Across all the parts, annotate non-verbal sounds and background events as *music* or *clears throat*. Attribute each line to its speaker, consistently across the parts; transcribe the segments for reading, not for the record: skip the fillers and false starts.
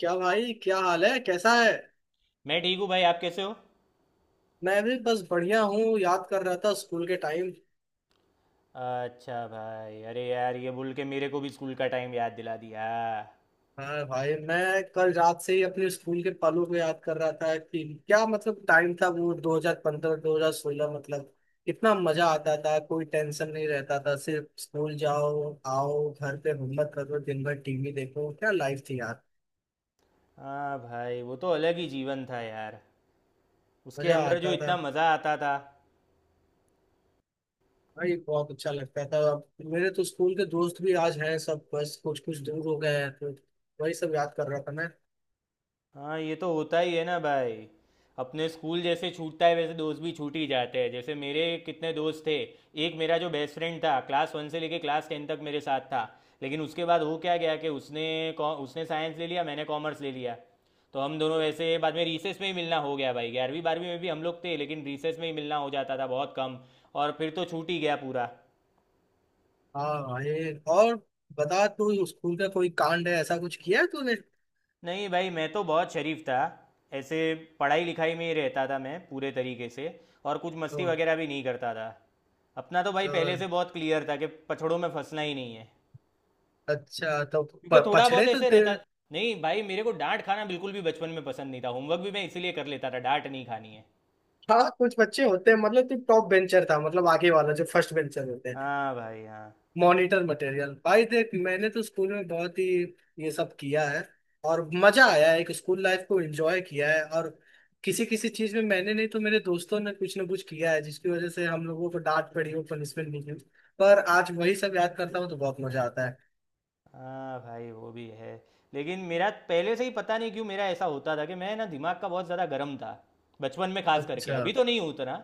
Speaker 1: क्या भाई, क्या हाल है, कैसा है?
Speaker 2: मैं ठीक हूँ भाई। आप कैसे हो?
Speaker 1: मैं भी बस बढ़िया हूँ। याद कर रहा था स्कूल के टाइम।
Speaker 2: अच्छा भाई, अरे यार ये बोल के मेरे को भी स्कूल का टाइम याद दिला दिया।
Speaker 1: हाँ भाई, मैं कल रात से ही अपने स्कूल के पलों को याद कर रहा था कि क्या मतलब टाइम था वो। 2015, 2016, मतलब कितना मजा आता था। कोई टेंशन नहीं रहता था, सिर्फ स्कूल जाओ, आओ, घर पे होमवर्क करो, दिन भर टीवी देखो। क्या लाइफ थी यार।
Speaker 2: हाँ भाई, वो तो अलग ही जीवन था यार। उसके
Speaker 1: मजा
Speaker 2: अंदर जो
Speaker 1: आता था
Speaker 2: इतना मज़ा आता था।
Speaker 1: भाई, बहुत अच्छा लगता था। अब मेरे तो स्कूल के दोस्त भी आज हैं सब, बस कुछ कुछ दूर हो गए हैं, तो वही सब याद कर रहा था।
Speaker 2: हाँ, ये तो होता ही है ना भाई। अपने स्कूल जैसे छूटता है वैसे दोस्त भी छूट ही जाते हैं, जैसे मेरे कितने दोस्त थे। एक मेरा जो बेस्ट फ्रेंड था, क्लास 1 से लेके क्लास 10 तक मेरे साथ था। लेकिन उसके बाद हो क्या गया कि उसने साइंस ले लिया, मैंने कॉमर्स ले लिया। तो हम दोनों वैसे बाद में रीसेस में ही मिलना हो गया भाई। 11वीं 12वीं में भी हम लोग थे लेकिन रीसेस में ही मिलना हो जाता था, बहुत कम। और फिर तो छूट ही गया पूरा।
Speaker 1: हाँ भाई, और बता, तू स्कूल का कोई कांड है, ऐसा कुछ किया है तूने?
Speaker 2: नहीं भाई, मैं तो बहुत शरीफ था। ऐसे पढ़ाई लिखाई में ही रहता था मैं पूरे तरीके से। और कुछ मस्ती
Speaker 1: तो,
Speaker 2: वगैरह भी नहीं करता था। अपना तो भाई
Speaker 1: अ,
Speaker 2: पहले से बहुत क्लियर था कि पछड़ों में फंसना ही नहीं है।
Speaker 1: अच्छा तो
Speaker 2: क्योंकि थोड़ा बहुत
Speaker 1: पछड़े तो
Speaker 2: ऐसे रहता।
Speaker 1: तेरे?
Speaker 2: नहीं भाई, मेरे को डांट खाना बिल्कुल भी बचपन में पसंद नहीं था। होमवर्क भी मैं इसीलिए कर लेता था, डांट नहीं खानी है।
Speaker 1: हाँ, कुछ बच्चे होते हैं, मतलब तू टॉप बेंचर था, मतलब आगे वाला जो फर्स्ट बेंचर होते हैं,
Speaker 2: हाँ भाई हाँ।
Speaker 1: Monitor material. भाई देख, मैंने तो स्कूल में बहुत ही ये सब किया है, और मजा आया है, एक स्कूल लाइफ को एंजॉय किया है। और किसी किसी चीज में मैंने नहीं तो मेरे दोस्तों ने कुछ ना कुछ किया है, जिसकी वजह से हम लोगों को डांट पड़ी हो, पनिशमेंट मिली हो। पर आज वही सब याद करता हूँ तो बहुत मजा आता है।
Speaker 2: हाँ भाई, वो भी है। लेकिन मेरा पहले से ही पता नहीं क्यों मेरा ऐसा होता था कि मैं ना दिमाग का बहुत ज़्यादा गर्म था, बचपन में खास करके।
Speaker 1: अच्छा।
Speaker 2: अभी तो नहीं उतना।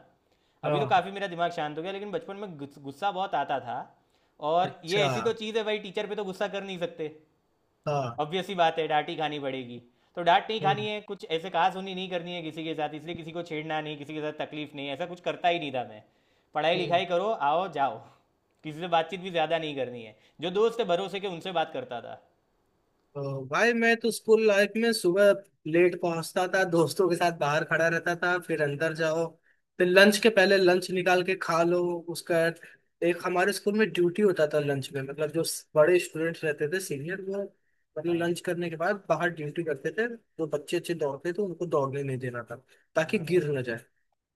Speaker 2: अभी तो
Speaker 1: हाँ।
Speaker 2: काफ़ी मेरा दिमाग शांत हो गया, लेकिन बचपन में गुस्सा बहुत आता था। और ये
Speaker 1: अच्छा।
Speaker 2: ऐसी तो चीज़ है भाई, टीचर पे तो गुस्सा कर नहीं सकते।
Speaker 1: हाँ।
Speaker 2: ऑब्वियस ही बात है, डांट ही खानी पड़ेगी। तो डांट नहीं खानी
Speaker 1: हम्म,
Speaker 2: है, कुछ ऐसे कहा सुनी नहीं करनी है किसी के साथ, इसलिए किसी को छेड़ना नहीं, किसी के साथ तकलीफ नहीं। ऐसा कुछ करता ही नहीं था मैं। पढ़ाई
Speaker 1: हम्म।
Speaker 2: लिखाई करो, आओ जाओ। किसी से बातचीत भी ज़्यादा नहीं करनी है। जो दोस्त है भरोसे के, उनसे बात करता था।
Speaker 1: तो भाई, मैं तो स्कूल लाइफ में सुबह लेट पहुंचता था, दोस्तों के साथ बाहर खड़ा रहता था, फिर अंदर जाओ, फिर लंच के पहले लंच निकाल के खा लो। उसका, एक हमारे स्कूल में ड्यूटी होता था लंच में, मतलब जो बड़े स्टूडेंट्स रहते थे सीनियर, वो मतलब
Speaker 2: हाँ
Speaker 1: लंच करने के बाद बाहर ड्यूटी करते थे, तो बच्चे अच्छे दौड़ते थे, उनको दौड़ने नहीं देना था ताकि
Speaker 2: हाँ भाई।
Speaker 1: गिर ना जाए।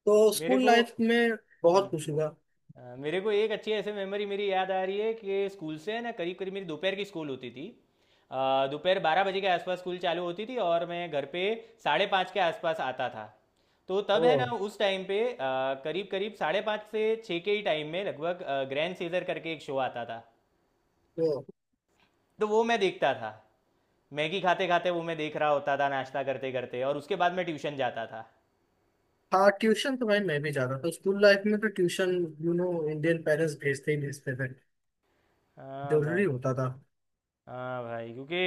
Speaker 1: तो
Speaker 2: मेरे
Speaker 1: स्कूल
Speaker 2: को
Speaker 1: लाइफ में बहुत कुछ हुआ।
Speaker 2: मेरे को एक अच्छी ऐसे मेमोरी मेरी याद आ रही है कि स्कूल से है ना, करीब करीब मेरी दोपहर की स्कूल होती थी। दोपहर 12 बजे के आसपास स्कूल चालू होती थी, और मैं घर पे 5:30 के आसपास आता था। तो तब है ना,
Speaker 1: ओ,
Speaker 2: उस टाइम पे करीब करीब 5:30 से 6 के ही टाइम में लगभग ग्रैंड सीजर करके एक शो आता था।
Speaker 1: तो।
Speaker 2: तो वो मैं देखता था। मैगी खाते खाते वो मैं देख रहा होता था, नाश्ता करते करते। और उसके बाद मैं ट्यूशन जाता था।
Speaker 1: हाँ, ट्यूशन तो भाई मैं भी जाता था स्कूल लाइफ में। तो ट्यूशन इंडियन पेरेंट्स भेजते ही भेजते थे।
Speaker 2: हाँ भाई।
Speaker 1: जरूरी होता था।
Speaker 2: हाँ भाई, क्योंकि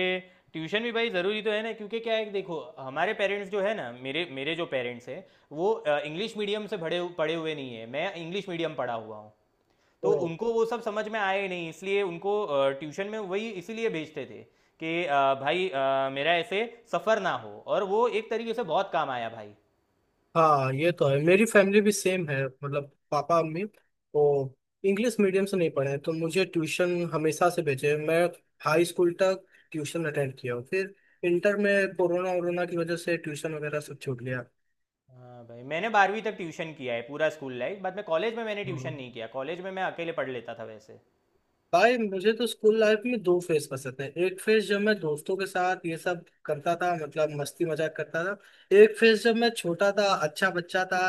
Speaker 2: ट्यूशन भी भाई ज़रूरी तो है ना। क्योंकि क्या है कि देखो, हमारे पेरेंट्स जो है ना, मेरे मेरे जो पेरेंट्स हैं वो इंग्लिश मीडियम से पढ़े पढ़े हुए नहीं है। मैं इंग्लिश मीडियम पढ़ा हुआ हूँ। तो
Speaker 1: तो।
Speaker 2: उनको वो सब समझ में आया ही नहीं, इसलिए उनको ट्यूशन में वही इसीलिए भेजते थे कि भाई मेरा ऐसे सफ़र ना हो। और वो एक तरीके से बहुत काम आया भाई।
Speaker 1: हाँ, ये तो है, मेरी फैमिली भी सेम है, मतलब पापा मम्मी वो इंग्लिश मीडियम से नहीं पढ़े हैं, तो मुझे ट्यूशन हमेशा से भेजे हैं। मैं हाई स्कूल तक ट्यूशन अटेंड किया हूँ, फिर इंटर में कोरोना वोरोना की वजह से ट्यूशन वगैरह सब छूट गया।
Speaker 2: हाँ भाई, मैंने 12वीं तक ट्यूशन किया है, पूरा स्कूल लाइफ। बाद में कॉलेज में मैंने ट्यूशन
Speaker 1: हाँ।
Speaker 2: नहीं किया, कॉलेज में मैं अकेले पढ़ लेता था वैसे।
Speaker 1: भाई, मुझे तो स्कूल लाइफ में दो फेज पसंद है। एक फेज जब मैं दोस्तों के साथ ये सब करता था, मतलब मस्ती मजाक करता था। एक फेज जब मैं छोटा था, अच्छा बच्चा था,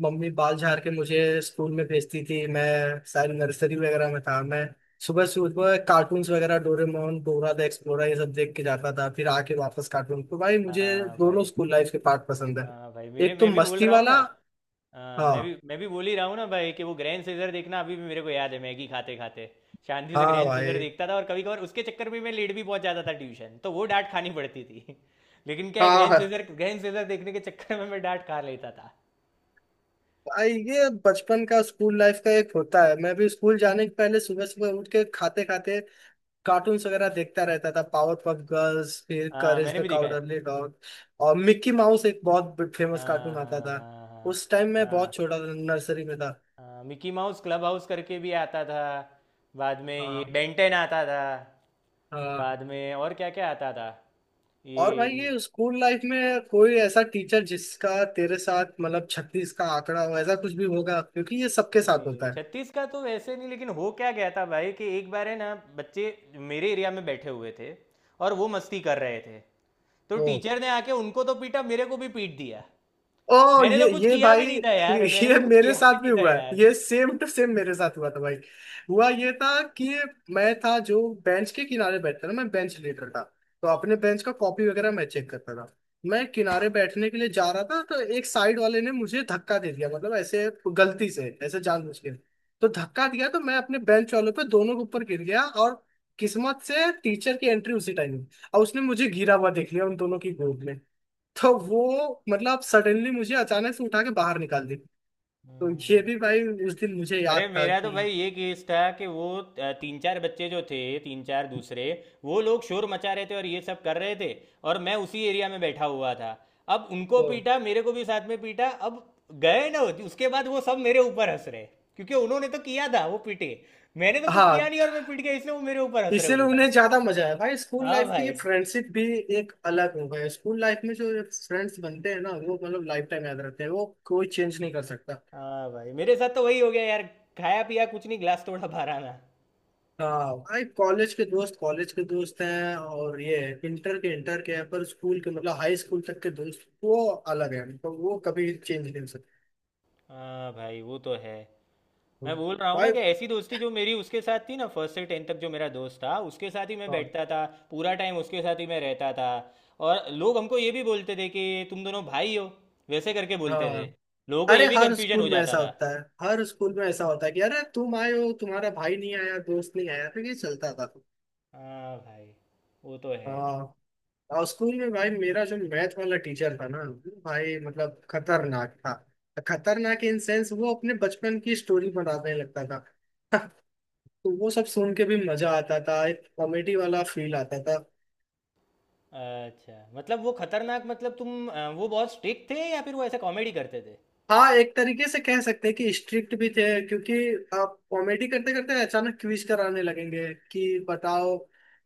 Speaker 1: मम्मी बाल झाड़ के मुझे स्कूल में भेजती थी, मैं शायद नर्सरी वगैरह में था। मैं सुबह सुबह कार्टून्स वगैरह डोरेमोन, डोरा द एक्सप्लोरर, ये सब देख के जाता था, फिर आके वापस कार्टून। तो भाई, मुझे
Speaker 2: हाँ
Speaker 1: दोनों
Speaker 2: भाई
Speaker 1: स्कूल लाइफ के पार्ट पसंद है,
Speaker 2: हाँ भाई, मेरे
Speaker 1: एक तो
Speaker 2: मैं भी बोल
Speaker 1: मस्ती
Speaker 2: रहा हूँ ना।
Speaker 1: वाला।
Speaker 2: हाँ, मैं भी
Speaker 1: हाँ,
Speaker 2: मैं भी बोल ही रहा हूँ ना भाई कि वो ग्रैंड सीजर देखना अभी भी मेरे को याद है, मैगी खाते खाते। शांति से
Speaker 1: हाँ
Speaker 2: ग्रैंड सीजर
Speaker 1: भाई।
Speaker 2: देखता था, और कभी कभार उसके चक्कर में मैं लेट भी पहुंच जाता था ट्यूशन, तो वो डांट खानी पड़ती थी। *laughs* लेकिन क्या है, ग्रैंड
Speaker 1: हाँ
Speaker 2: सीजर, ग्रैंड सीजर देखने के चक्कर में मैं डांट खा लेता था।
Speaker 1: भाई, ये बचपन का स्कूल लाइफ का एक होता है। मैं भी स्कूल जाने के पहले सुबह सुबह उठ के खाते खाते कार्टून्स वगैरह देखता रहता था। पावर पफ गर्ल्स, फिर
Speaker 2: हाँ
Speaker 1: करेज
Speaker 2: मैंने
Speaker 1: द
Speaker 2: भी देखा है।
Speaker 1: Cowardly Dog. और मिक्की माउस एक बहुत फेमस
Speaker 2: हाँ
Speaker 1: कार्टून आता
Speaker 2: हाँ
Speaker 1: था।
Speaker 2: हाँ। हाँ
Speaker 1: उस टाइम मैं
Speaker 2: हाँ
Speaker 1: बहुत छोटा था, नर्सरी में था।
Speaker 2: हाँ। मिकी माउस क्लब हाउस करके भी आता था। बाद में ये
Speaker 1: हाँ,
Speaker 2: बेंटेन आता था।
Speaker 1: हाँ।
Speaker 2: बाद में और क्या क्या आता था
Speaker 1: और भाई,
Speaker 2: ये।
Speaker 1: ये स्कूल लाइफ में कोई ऐसा टीचर जिसका तेरे साथ मतलब छत्तीस का आंकड़ा हो, ऐसा कुछ भी होगा? क्योंकि ये सबके साथ
Speaker 2: नहीं,
Speaker 1: होता है।
Speaker 2: छत्तीस का तो वैसे नहीं, लेकिन हो क्या गया था भाई कि एक बार है ना, बच्चे मेरे एरिया में बैठे हुए थे और वो मस्ती कर रहे थे। तो
Speaker 1: तो,
Speaker 2: टीचर ने आके उनको तो पीटा, मेरे को भी पीट दिया।
Speaker 1: ओ,
Speaker 2: मैंने तो
Speaker 1: ये
Speaker 2: कुछ
Speaker 1: ये
Speaker 2: किया भी
Speaker 1: भाई,
Speaker 2: नहीं था
Speaker 1: *laughs*
Speaker 2: यार। मैंने
Speaker 1: ये
Speaker 2: तो कुछ
Speaker 1: मेरे
Speaker 2: किया भी
Speaker 1: साथ भी
Speaker 2: नहीं था
Speaker 1: हुआ है,
Speaker 2: यार।
Speaker 1: ये सेम टू सेम मेरे साथ हुआ था भाई। हुआ ये था कि मैं था जो बेंच के किनारे बैठता था, मैं बेंच लीडर था। तो अपने बेंच का कॉपी वगैरह मैं चेक करता था। मैं किनारे बैठने के लिए जा रहा था, तो एक साइड वाले ने मुझे धक्का दे दिया, मतलब ऐसे गलती से ऐसे जानबूझ के। तो धक्का दिया तो मैं अपने बेंच वालों पे, दोनों के ऊपर गिर गया। और किस्मत से टीचर की एंट्री उसी टाइम हुई, और उसने मुझे गिरा हुआ देख लिया उन दोनों की गोद में। तो वो मतलब सडनली मुझे अचानक से उठा के बाहर निकाल दी। तो ये
Speaker 2: हम्म।
Speaker 1: भी भाई, उस दिन मुझे
Speaker 2: अरे
Speaker 1: याद था
Speaker 2: मेरा तो
Speaker 1: कि,
Speaker 2: भाई ये केस था कि वो तीन चार बच्चे जो थे, तीन चार दूसरे, वो लोग शोर मचा रहे थे और ये सब कर रहे थे। और मैं उसी एरिया में बैठा हुआ था। अब उनको
Speaker 1: तो
Speaker 2: पीटा, मेरे को भी साथ में पीटा, अब गए ना। उसके बाद वो सब मेरे ऊपर हंस रहे क्योंकि उन्होंने तो किया था, वो पीटे। मैंने तो कुछ
Speaker 1: हाँ।
Speaker 2: किया नहीं और मैं पीट गया, इसलिए वो मेरे ऊपर हंस रहे
Speaker 1: इसीलिए
Speaker 2: उल्टा।
Speaker 1: उन्हें ज्यादा मजा आया भाई। स्कूल
Speaker 2: हाँ
Speaker 1: लाइफ की ये
Speaker 2: भाई।
Speaker 1: फ्रेंडशिप भी एक अलग हो गई। स्कूल लाइफ में जो फ्रेंड्स बनते हैं ना, वो मतलब लाइफ टाइम याद रहते हैं, वो कोई चेंज नहीं कर सकता।
Speaker 2: हाँ भाई, मेरे साथ तो वही हो गया यार। खाया पिया कुछ नहीं, गिलास तोड़ा बारह आना।
Speaker 1: हाँ भाई, कॉलेज के दोस्त हैं, और ये इंटर के हैं, पर स्कूल के मतलब हाई स्कूल तक के दोस्त वो अलग है, मतलब वो कभी चेंज नहीं हो सकते।
Speaker 2: हाँ भाई वो तो है।
Speaker 1: हाँ।
Speaker 2: मैं बोल रहा हूँ ना
Speaker 1: भाई,
Speaker 2: कि ऐसी दोस्ती, जो मेरी उसके साथ थी ना, फर्स्ट से टेंथ तक जो मेरा दोस्त था, उसके साथ ही मैं
Speaker 1: हाँ,
Speaker 2: बैठता था। पूरा टाइम उसके साथ ही मैं रहता था। और लोग हमको ये भी बोलते थे कि तुम दोनों भाई हो, वैसे करके बोलते थे।
Speaker 1: हाँ।
Speaker 2: लोगों को
Speaker 1: अरे,
Speaker 2: ये भी
Speaker 1: हर
Speaker 2: कन्फ्यूजन हो
Speaker 1: स्कूल में
Speaker 2: जाता
Speaker 1: ऐसा
Speaker 2: था।
Speaker 1: होता है, हर स्कूल में ऐसा होता है कि अरे, तुम आए हो तुम्हारा भाई नहीं आया, दोस्त नहीं आया। तो ये चलता था।
Speaker 2: हाँ भाई वो तो है।
Speaker 1: हाँ। और स्कूल में भाई, मेरा जो मैथ वाला टीचर था ना, भाई मतलब खतरनाक था। खतरनाक इन सेंस वो अपने बचपन की स्टोरी बताने लगता था। *laughs* तो वो सब सुन के भी मजा आता था, एक कॉमेडी वाला फील आता था।
Speaker 2: अच्छा, मतलब वो खतरनाक मतलब तुम, वो बहुत स्ट्रिक्ट थे या फिर वो ऐसे कॉमेडी करते थे?
Speaker 1: हाँ, एक तरीके से कह सकते हैं कि स्ट्रिक्ट भी थे, क्योंकि आप कॉमेडी करते करते अचानक क्विज कराने लगेंगे कि बताओ,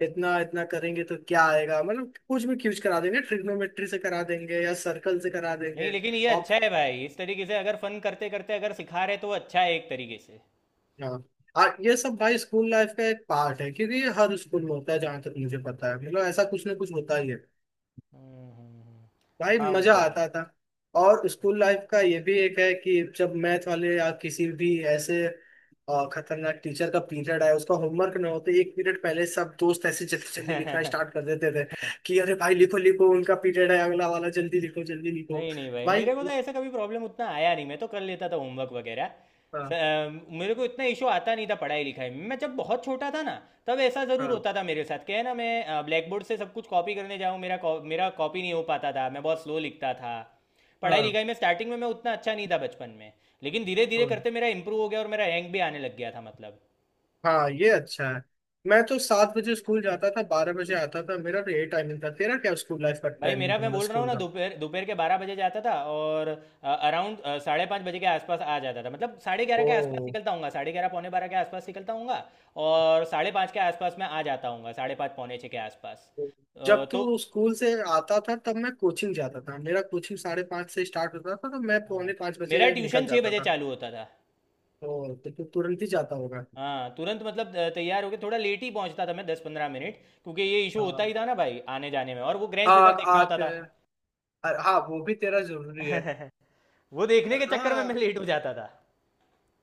Speaker 1: इतना इतना करेंगे तो क्या आएगा, मतलब कुछ भी क्विज करा देंगे, ट्रिग्नोमेट्री से करा देंगे या सर्कल से करा
Speaker 2: नहीं,
Speaker 1: देंगे
Speaker 2: लेकिन ये
Speaker 1: आप।
Speaker 2: अच्छा है भाई। इस तरीके से अगर फन करते करते अगर सिखा रहे, तो वो अच्छा है एक तरीके से।
Speaker 1: हाँ। और ये सब भाई स्कूल लाइफ का एक पार्ट है, क्योंकि ये हर स्कूल में होता है जहाँ तक मुझे पता है, मतलब ऐसा कुछ ना कुछ होता ही है भाई।
Speaker 2: हाँ, वो
Speaker 1: मजा
Speaker 2: तो है।
Speaker 1: आता था। और स्कूल लाइफ का ये भी एक है कि जब मैथ वाले या किसी भी ऐसे खतरनाक टीचर का पीरियड आया, उसका होमवर्क ना होते एक पीरियड पहले सब दोस्त ऐसे जल्दी जल्दी लिखना स्टार्ट कर
Speaker 2: *laughs*
Speaker 1: देते थे कि अरे भाई लिखो लिखो, उनका पीरियड है अगला वाला, जल्दी लिखो, जल्दी लिखो
Speaker 2: नहीं नहीं भाई,
Speaker 1: भाई।
Speaker 2: मेरे को तो ऐसा कभी प्रॉब्लम उतना आया नहीं, मैं तो कर लेता था होमवर्क वगैरह। स-
Speaker 1: हाँ,
Speaker 2: अ, मेरे को इतना इशू आता नहीं था पढ़ाई लिखाई में। मैं जब बहुत छोटा था ना, तब ऐसा ज़रूर
Speaker 1: हाँ,
Speaker 2: होता था मेरे साथ। क्या है ना, मैं ब्लैक बोर्ड से सब कुछ कॉपी करने जाऊँ, मेरा कॉपी नहीं हो पाता था। मैं बहुत स्लो लिखता था। पढ़ाई
Speaker 1: हाँ,
Speaker 2: लिखाई में स्टार्टिंग में मैं उतना अच्छा नहीं था बचपन में, लेकिन धीरे धीरे करते
Speaker 1: हाँ,
Speaker 2: मेरा इंप्रूव हो गया और मेरा रैंक भी आने लग गया था मतलब।
Speaker 1: हाँ, ये अच्छा है। मैं तो 7 बजे स्कूल जाता था, 12 बजे आता था, मेरा तो ये टाइमिंग था। तेरा क्या स्कूल लाइफ का
Speaker 2: भाई
Speaker 1: टाइमिंग
Speaker 2: मेरा,
Speaker 1: था,
Speaker 2: मैं
Speaker 1: मतलब
Speaker 2: बोल रहा हूँ
Speaker 1: स्कूल
Speaker 2: ना,
Speaker 1: का?
Speaker 2: दोपहर दोपहर के बारह बजे जाता था और अराउंड 5:30 बजे के आसपास आ जाता था। मतलब 11:30
Speaker 1: ओ,
Speaker 2: के आसपास निकलता हूँगा, 11:30 11:45 के आसपास निकलता हूँगा। और 5:30 के आसपास मैं आ जाता हूँगा, 5:30 5:45 के आसपास।
Speaker 1: जब
Speaker 2: तो
Speaker 1: तू स्कूल से आता था तब मैं कोचिंग जाता था। मेरा कोचिंग 5:30 से स्टार्ट होता था, तो मैं
Speaker 2: हाँ,
Speaker 1: पौने पाँच
Speaker 2: मेरा
Speaker 1: बजे
Speaker 2: ट्यूशन
Speaker 1: निकल
Speaker 2: छः
Speaker 1: जाता
Speaker 2: बजे
Speaker 1: था।
Speaker 2: चालू होता था।
Speaker 1: तो तू तुरंत ही जाता होगा।
Speaker 2: हाँ तुरंत, मतलब तैयार होके थोड़ा लेट ही पहुँचता था मैं, 10-15 मिनट, क्योंकि ये इशू होता
Speaker 1: हाँ।
Speaker 2: ही था ना भाई आने जाने में, और वो ग्रैंड सीजर
Speaker 1: आँख
Speaker 2: देखना होता
Speaker 1: आँख
Speaker 2: था।
Speaker 1: अ- हाँ वो भी तेरा जरूरी है।
Speaker 2: *laughs* वो देखने के चक्कर में मैं
Speaker 1: हाँ,
Speaker 2: लेट हो जाता था।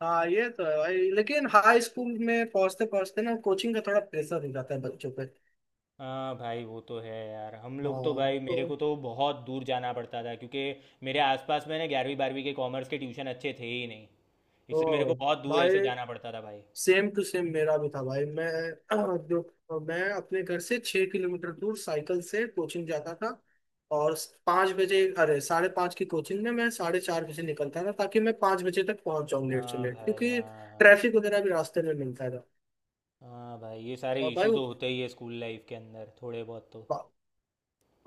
Speaker 1: हाँ, ये तो है भाई। लेकिन हाई स्कूल में पहुंचते पहुंचते ना कोचिंग का थोड़ा प्रेशर हो जाता है बच्चों पे।
Speaker 2: हाँ भाई वो तो है यार। हम लोग तो
Speaker 1: हाँ,
Speaker 2: भाई, मेरे
Speaker 1: तो,
Speaker 2: को तो बहुत दूर जाना पड़ता था क्योंकि मेरे आसपास में ना 11वीं 12वीं के कॉमर्स के ट्यूशन अच्छे थे ही नहीं, इसलिए मेरे को
Speaker 1: तो
Speaker 2: बहुत दूर
Speaker 1: भाई
Speaker 2: ऐसे जाना पड़ता था भाई।
Speaker 1: सेम टू सेम मेरा भी था भाई। मैं *clears throat* जो मैं अपने घर से 6 किलोमीटर दूर साइकिल से कोचिंग जाता था। और 5 बजे, अरे 5:30 की कोचिंग में मैं 4:30 बजे निकलता था ताकि मैं 5 बजे तक पहुंच जाऊँ लेट से
Speaker 2: हाँ
Speaker 1: लेट,
Speaker 2: भाई
Speaker 1: क्योंकि
Speaker 2: हाँ हाँ।
Speaker 1: ट्रैफिक वगैरह भी रास्ते में मिलता था।
Speaker 2: हाँ भाई, ये सारे
Speaker 1: और भाई
Speaker 2: इशू
Speaker 1: वो,
Speaker 2: तो होते ही है स्कूल लाइफ के अंदर थोड़े बहुत तो।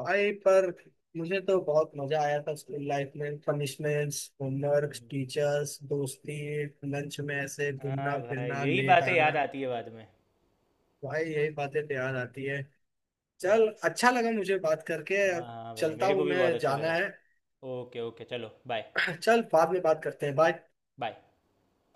Speaker 1: भाई पर मुझे तो बहुत मजा आया था स्कूल लाइफ में, पनिशमेंट्स, होमवर्क,
Speaker 2: हम्म।
Speaker 1: टीचर्स, दोस्ती, लंच में ऐसे घूमना
Speaker 2: हाँ भाई,
Speaker 1: फिरना,
Speaker 2: यही
Speaker 1: लेट
Speaker 2: बातें याद
Speaker 1: आना
Speaker 2: आती है बाद में।
Speaker 1: भाई। यही बातें तो याद आती है।
Speaker 2: हम्म।
Speaker 1: चल, अच्छा लगा मुझे बात करके,
Speaker 2: हाँ
Speaker 1: अब
Speaker 2: हाँ भाई,
Speaker 1: चलता
Speaker 2: मेरे को
Speaker 1: हूँ,
Speaker 2: भी बहुत
Speaker 1: मैं
Speaker 2: अच्छा
Speaker 1: जाना
Speaker 2: लगा।
Speaker 1: है।
Speaker 2: ओके ओके, चलो बाय।
Speaker 1: *clears throat* *laughs* चल, बाद में बात करते हैं। बाय।
Speaker 2: बाय।